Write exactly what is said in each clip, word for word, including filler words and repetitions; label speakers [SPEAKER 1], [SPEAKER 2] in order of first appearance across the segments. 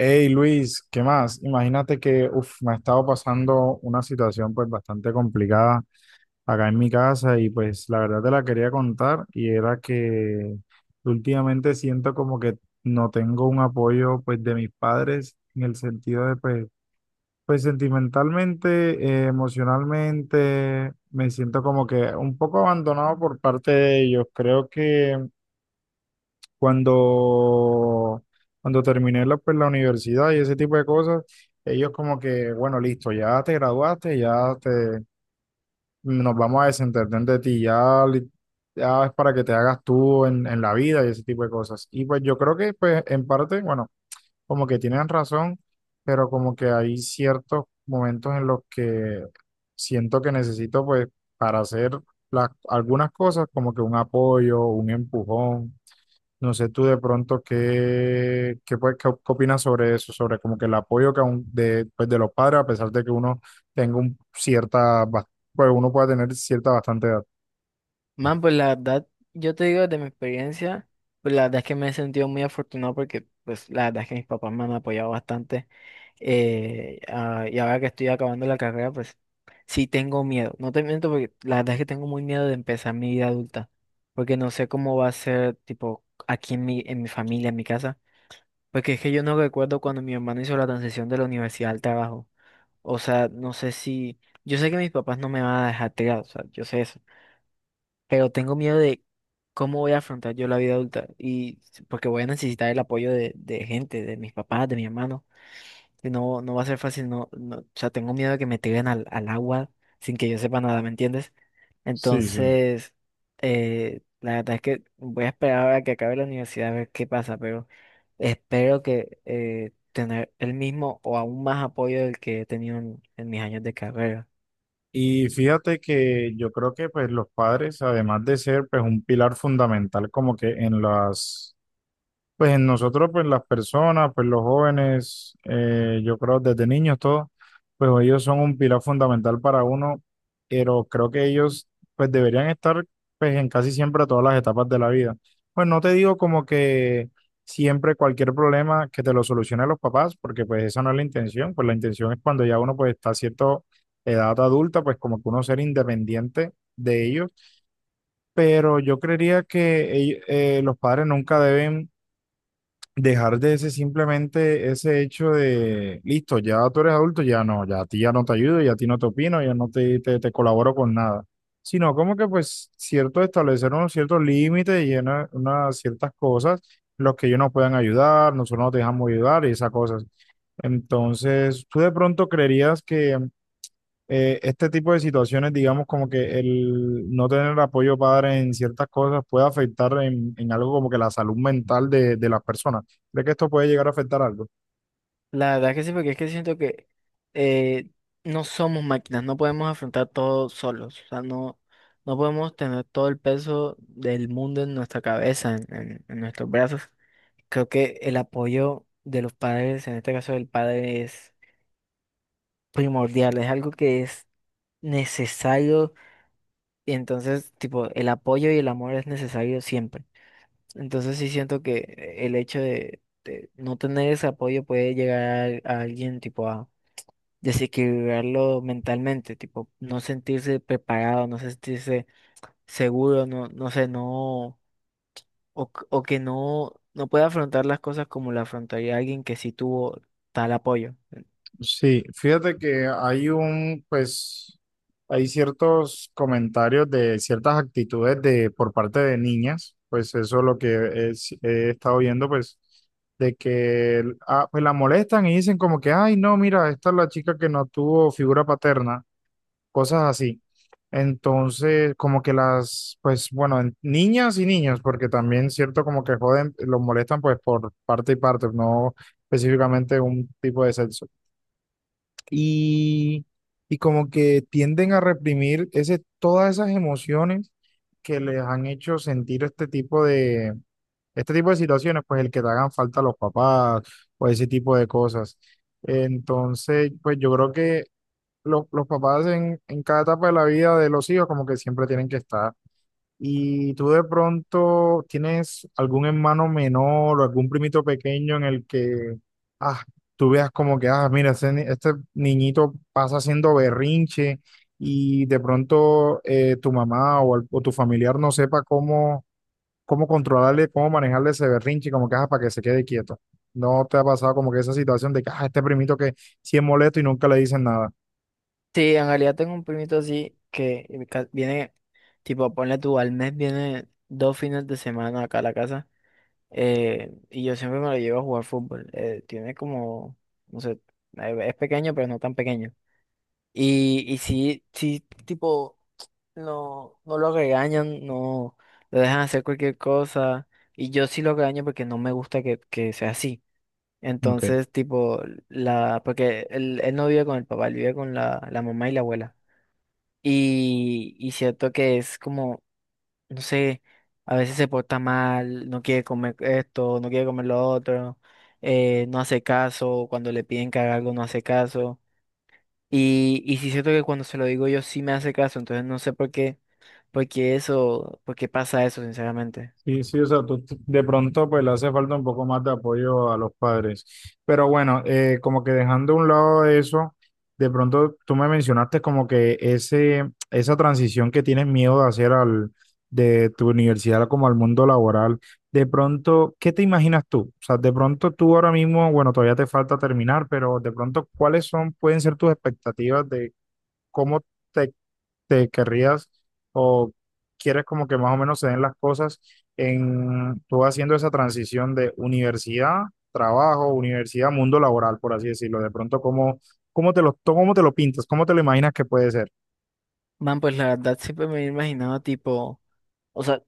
[SPEAKER 1] Hey Luis, ¿qué más? Imagínate que uf, me ha estado pasando una situación pues bastante complicada acá en mi casa y pues la verdad te la quería contar y era que últimamente siento como que no tengo un apoyo pues de mis padres en el sentido de pues, pues sentimentalmente, eh, emocionalmente, me siento como que un poco abandonado por parte de ellos. Creo que cuando, cuando terminé la, pues, la universidad y ese tipo de cosas, ellos como que, bueno, listo, ya te graduaste, ya te, nos vamos a desentender de ti, ya, li- ya es para que te hagas tú en, en la vida y ese tipo de cosas. Y pues yo creo que pues en parte, bueno, como que tienen razón, pero como que hay ciertos momentos en los que siento que necesito pues para hacer las, algunas cosas como que un apoyo, un empujón. No sé tú de pronto qué, qué, pues, qué- op- qué opinas sobre eso, sobre como que el apoyo que aún de, pues, de los padres, a pesar de que uno tenga un cierta, bas- pues uno pueda tener cierta bastante edad.
[SPEAKER 2] Man, pues la verdad, yo te digo de mi experiencia, pues la verdad es que me he sentido muy afortunado porque pues la verdad es que mis papás me han apoyado bastante. Eh, ah, y ahora que estoy acabando la carrera, pues sí tengo miedo. No te miento, porque la verdad es que tengo muy miedo de empezar mi vida adulta, porque no sé cómo va a ser, tipo aquí en mi, en mi familia, en mi casa, porque es que yo no recuerdo cuando mi hermano hizo la transición de la universidad al trabajo. O sea, no sé si... Yo sé que mis papás no me van a dejar tirado, o sea, yo sé eso, pero tengo miedo de cómo voy a afrontar yo la vida adulta, y porque voy a necesitar el apoyo de, de gente, de mis papás, de mi hermano. Y no, no va a ser fácil, no, no, o sea, tengo miedo de que me tiren al, al agua sin que yo sepa nada, ¿me entiendes?
[SPEAKER 1] Sí, sí.
[SPEAKER 2] Entonces, eh, la verdad es que voy a esperar a que acabe la universidad a ver qué pasa, pero espero que eh, tener el mismo o aún más apoyo del que he tenido en en mis años de carrera.
[SPEAKER 1] Y fíjate que yo creo que pues los padres, además de ser pues un pilar fundamental como que en las pues en nosotros, pues las personas, pues los jóvenes, eh, yo creo desde niños todos, pues ellos son un pilar fundamental para uno, pero creo que ellos pues deberían estar pues en casi siempre todas las etapas de la vida. Pues no te digo como que siempre cualquier problema que te lo solucionen los papás, porque pues esa no es la intención, pues la intención es cuando ya uno pues está a cierta edad adulta, pues como que uno ser independiente de ellos, pero yo creería que ell- eh, los padres nunca deben dejar de ese simplemente ese hecho de, listo, ya tú eres adulto, ya no, ya a ti ya no te ayudo, ya a ti no te opino, ya no te, te, te colaboro con nada, sino como que pues cierto establecer unos ciertos límites y una- unas ciertas cosas, los que ellos nos puedan ayudar, nosotros no te dejamos ayudar y esas cosas. Entonces, tú de pronto creerías que eh, este tipo de situaciones, digamos, como que el no tener apoyo padre en ciertas cosas puede afectar en, en algo como que la salud mental de, de las personas. ¿Cree que esto puede llegar a afectar algo?
[SPEAKER 2] La verdad que sí, porque es que siento que eh, no somos máquinas, no podemos afrontar todo solos, o sea, no, no podemos tener todo el peso del mundo en nuestra cabeza, en, en- en nuestros brazos. Creo que el apoyo de los padres, en este caso del padre, es primordial, es algo que es necesario, y entonces, tipo, el apoyo y el amor es necesario siempre. Entonces sí siento que el hecho de, de no tener ese apoyo puede llegar a alguien, tipo, a desequilibrarlo mentalmente, tipo, no sentirse preparado, no sentirse seguro, no, no sé, no, o, c- o que no, no pueda afrontar las cosas como la afrontaría alguien que sí tuvo tal apoyo.
[SPEAKER 1] Sí, fíjate que hay un, pues, hay ciertos comentarios de ciertas actitudes de, por parte de niñas, pues eso es lo que es- he estado viendo, pues, de que ah, pues la molestan y dicen como que, ay, no, mira, esta es la chica que no tuvo figura paterna, cosas así. Entonces, como que las, pues bueno, en- niñas y niños, porque también cierto como que joden, los molestan pues por parte y parte, no específicamente un tipo de sexo. Y, y como que tienden a reprimir ese, todas esas emociones que les han hecho sentir este tipo de, este tipo de situaciones, pues el que te hagan falta los papás o ese tipo de cosas. Entonces, pues yo creo que los los papás en, en cada etapa de la vida de los hijos como que siempre tienen que estar. Y tú de pronto tienes algún hermano menor o algún primito pequeño en el que ah, tú veas como que, ah, mira, ese ni- este niñito pasa haciendo berrinche y de pronto eh, tu mamá o, al- o tu familiar no sepa cómo, cómo controlarle, cómo manejarle ese berrinche, como que, ah, para que se quede quieto. ¿No te ha pasado como que esa situación de que, ah, este primito que sí es molesto y nunca le dicen nada?
[SPEAKER 2] Sí, en realidad tengo un primito así que eh, ca- viene, tipo, ponle tú, al mes viene dos fines de semana acá a la casa, eh, y yo siempre me lo llevo a jugar fútbol. Eh, tiene como, no sé, eh, es pequeño, pero no tan pequeño. Y, y si, si tipo, no, no lo regañan, no lo dejan hacer cualquier cosa. Y yo sí lo regaño porque no me gusta que, que sea así.
[SPEAKER 1] Ok.
[SPEAKER 2] Entonces, tipo, la, porque él, él no vive con el papá, él vive con la, la mamá y la abuela. Y, y cierto que es como, no sé, a veces se porta mal, no quiere comer esto, no quiere comer lo otro, eh, no hace caso, cuando le piden que haga algo no hace caso. Y, y sí siento que cuando se lo digo yo sí me hace caso, entonces no sé por qué, por qué eso, por qué pasa eso, sinceramente.
[SPEAKER 1] Sí, sí, o sea, tú- tú- de pronto pues le hace falta un poco más de apoyo a los padres. Pero bueno, eh, como que dejando a un lado eso, de pronto tú me mencionaste como que ese, esa transición que tienes miedo de hacer al, de tu universidad como al mundo laboral, de pronto, ¿qué te imaginas tú? O sea, de pronto tú ahora mismo, bueno, todavía te falta terminar, pero de pronto, ¿cuáles son, pueden ser tus expectativas de cómo te te querrías o quieres como que más o menos se den las cosas en tú haciendo esa transición de universidad, trabajo, universidad, mundo laboral, por así decirlo. De pronto, ¿cómo, ¿cómo te lo, cómo te lo pintas? ¿Cómo te lo imaginas que puede ser?
[SPEAKER 2] Man, pues la verdad siempre me he imaginado tipo, o sea,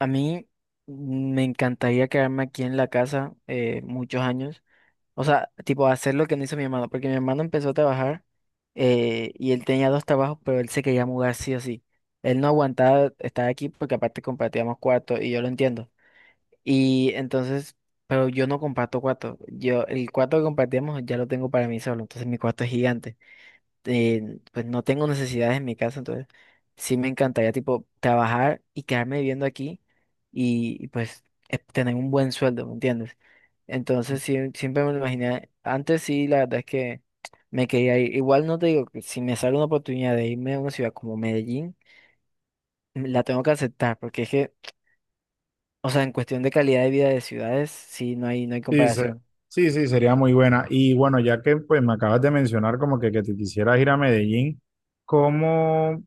[SPEAKER 2] a mí me encantaría quedarme aquí en la casa eh, muchos años, o sea, tipo hacer lo que no hizo mi hermano, porque mi hermano empezó a trabajar, eh, y él tenía dos trabajos, pero él se quería mudar sí o sí. Él no aguantaba estar aquí porque aparte compartíamos cuarto y yo lo entiendo. Y entonces, pero yo no comparto cuarto. Yo, el cuarto que compartíamos ya lo tengo para mí solo. Entonces mi cuarto es gigante. Eh, pues no tengo necesidades en mi casa. Entonces sí me encantaría tipo trabajar y quedarme viviendo aquí y, y, pues eh, tener un buen sueldo, ¿me entiendes? Entonces sí, siempre me lo imaginé. Antes sí, la verdad es que me quería ir. Igual no te digo que si me sale una oportunidad de irme a una ciudad como Medellín, la tengo que aceptar porque es que, o sea, en cuestión de calidad de vida de ciudades, sí, no hay, no hay
[SPEAKER 1] Sí, se-
[SPEAKER 2] comparación.
[SPEAKER 1] sí, sí, sería muy buena. Y bueno, ya que pues me acabas de mencionar como que, que te quisieras ir a Medellín, ¿cómo?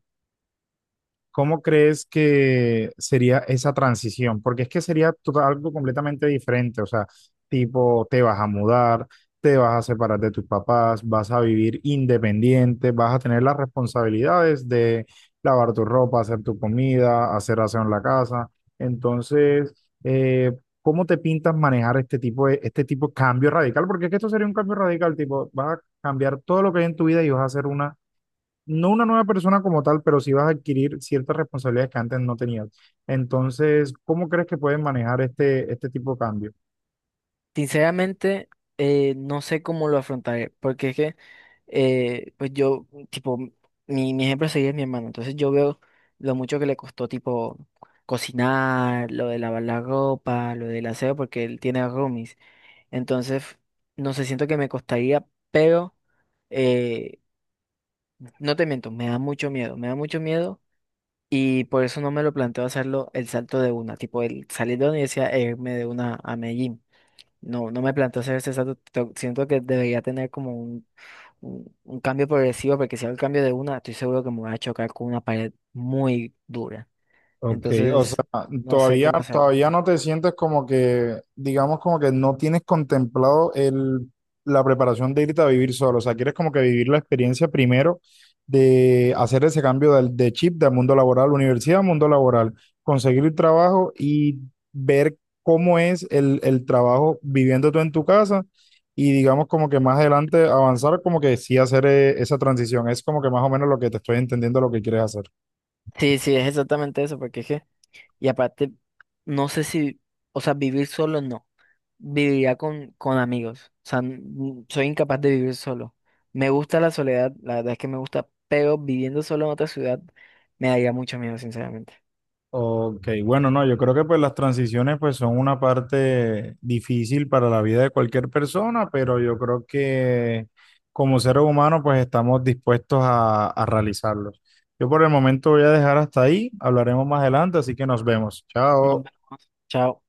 [SPEAKER 1] ¿Cómo crees que sería esa transición? Porque es que sería total- algo completamente diferente, o sea, tipo, te vas a mudar, te vas a separar de tus papás, vas a vivir independiente, vas a tener las responsabilidades de lavar tu ropa, hacer tu comida, hacer aseo en la casa. Entonces, eh, ¿cómo te pintas manejar este tipo de, este tipo de cambio radical? Porque es que esto sería un cambio radical, tipo, vas a cambiar todo lo que hay en tu vida y vas a hacer una, no una nueva persona como tal, pero sí vas a adquirir ciertas responsabilidades que antes no tenías. Entonces, ¿cómo crees que puedes manejar este, este tipo de cambio?
[SPEAKER 2] Sinceramente, eh, no sé cómo lo afrontaré, porque es que, eh, pues yo, tipo, mi, mi ejemplo a seguir es mi hermano, entonces yo veo lo mucho que le costó, tipo, cocinar, lo de lavar la ropa, lo del aseo, porque él tiene roomies. Entonces, no sé, siento que me costaría, pero, eh, no te miento, me da mucho miedo, me da mucho miedo. Y por eso no me lo planteo hacerlo, el salto de una, tipo el salir de la universidad e irme de una a Medellín. No, no me planteo hacer ese salto. to- Siento que debería tener como un, un, un cambio progresivo, porque si hago el cambio de una, estoy seguro que me voy a chocar con una pared muy dura.
[SPEAKER 1] Ok, o sea,
[SPEAKER 2] Entonces, no sé
[SPEAKER 1] todavía,
[SPEAKER 2] cómo hacerlo.
[SPEAKER 1] todavía no te sientes como que, digamos, como que no tienes contemplado el, la preparación de irte a vivir solo. O sea, quieres como que vivir la experiencia primero de hacer ese cambio del, de chip del mundo laboral, universidad, al mundo laboral, conseguir el trabajo y ver cómo es el, el trabajo viviendo tú en tu casa y digamos como que más adelante avanzar como que sí hacer eh, esa transición. Es como que más o menos lo que te estoy entendiendo lo que quieres hacer.
[SPEAKER 2] Sí, sí, es exactamente eso, porque es que, y aparte, no sé si, o sea, vivir solo no. Viviría con, con amigos. O sea, n- soy incapaz de vivir solo. Me gusta la soledad, la verdad es que me gusta, pero viviendo solo en otra ciudad me daría mucho miedo, sinceramente.
[SPEAKER 1] Ok, bueno, no, yo creo que pues las transiciones pues son una parte difícil para la vida de cualquier persona, pero yo creo que como seres humanos pues estamos dispuestos a, a realizarlos. Yo por el momento voy a dejar hasta ahí, hablaremos más adelante, así que nos vemos.
[SPEAKER 2] Nos
[SPEAKER 1] Chao.
[SPEAKER 2] vemos. Chao.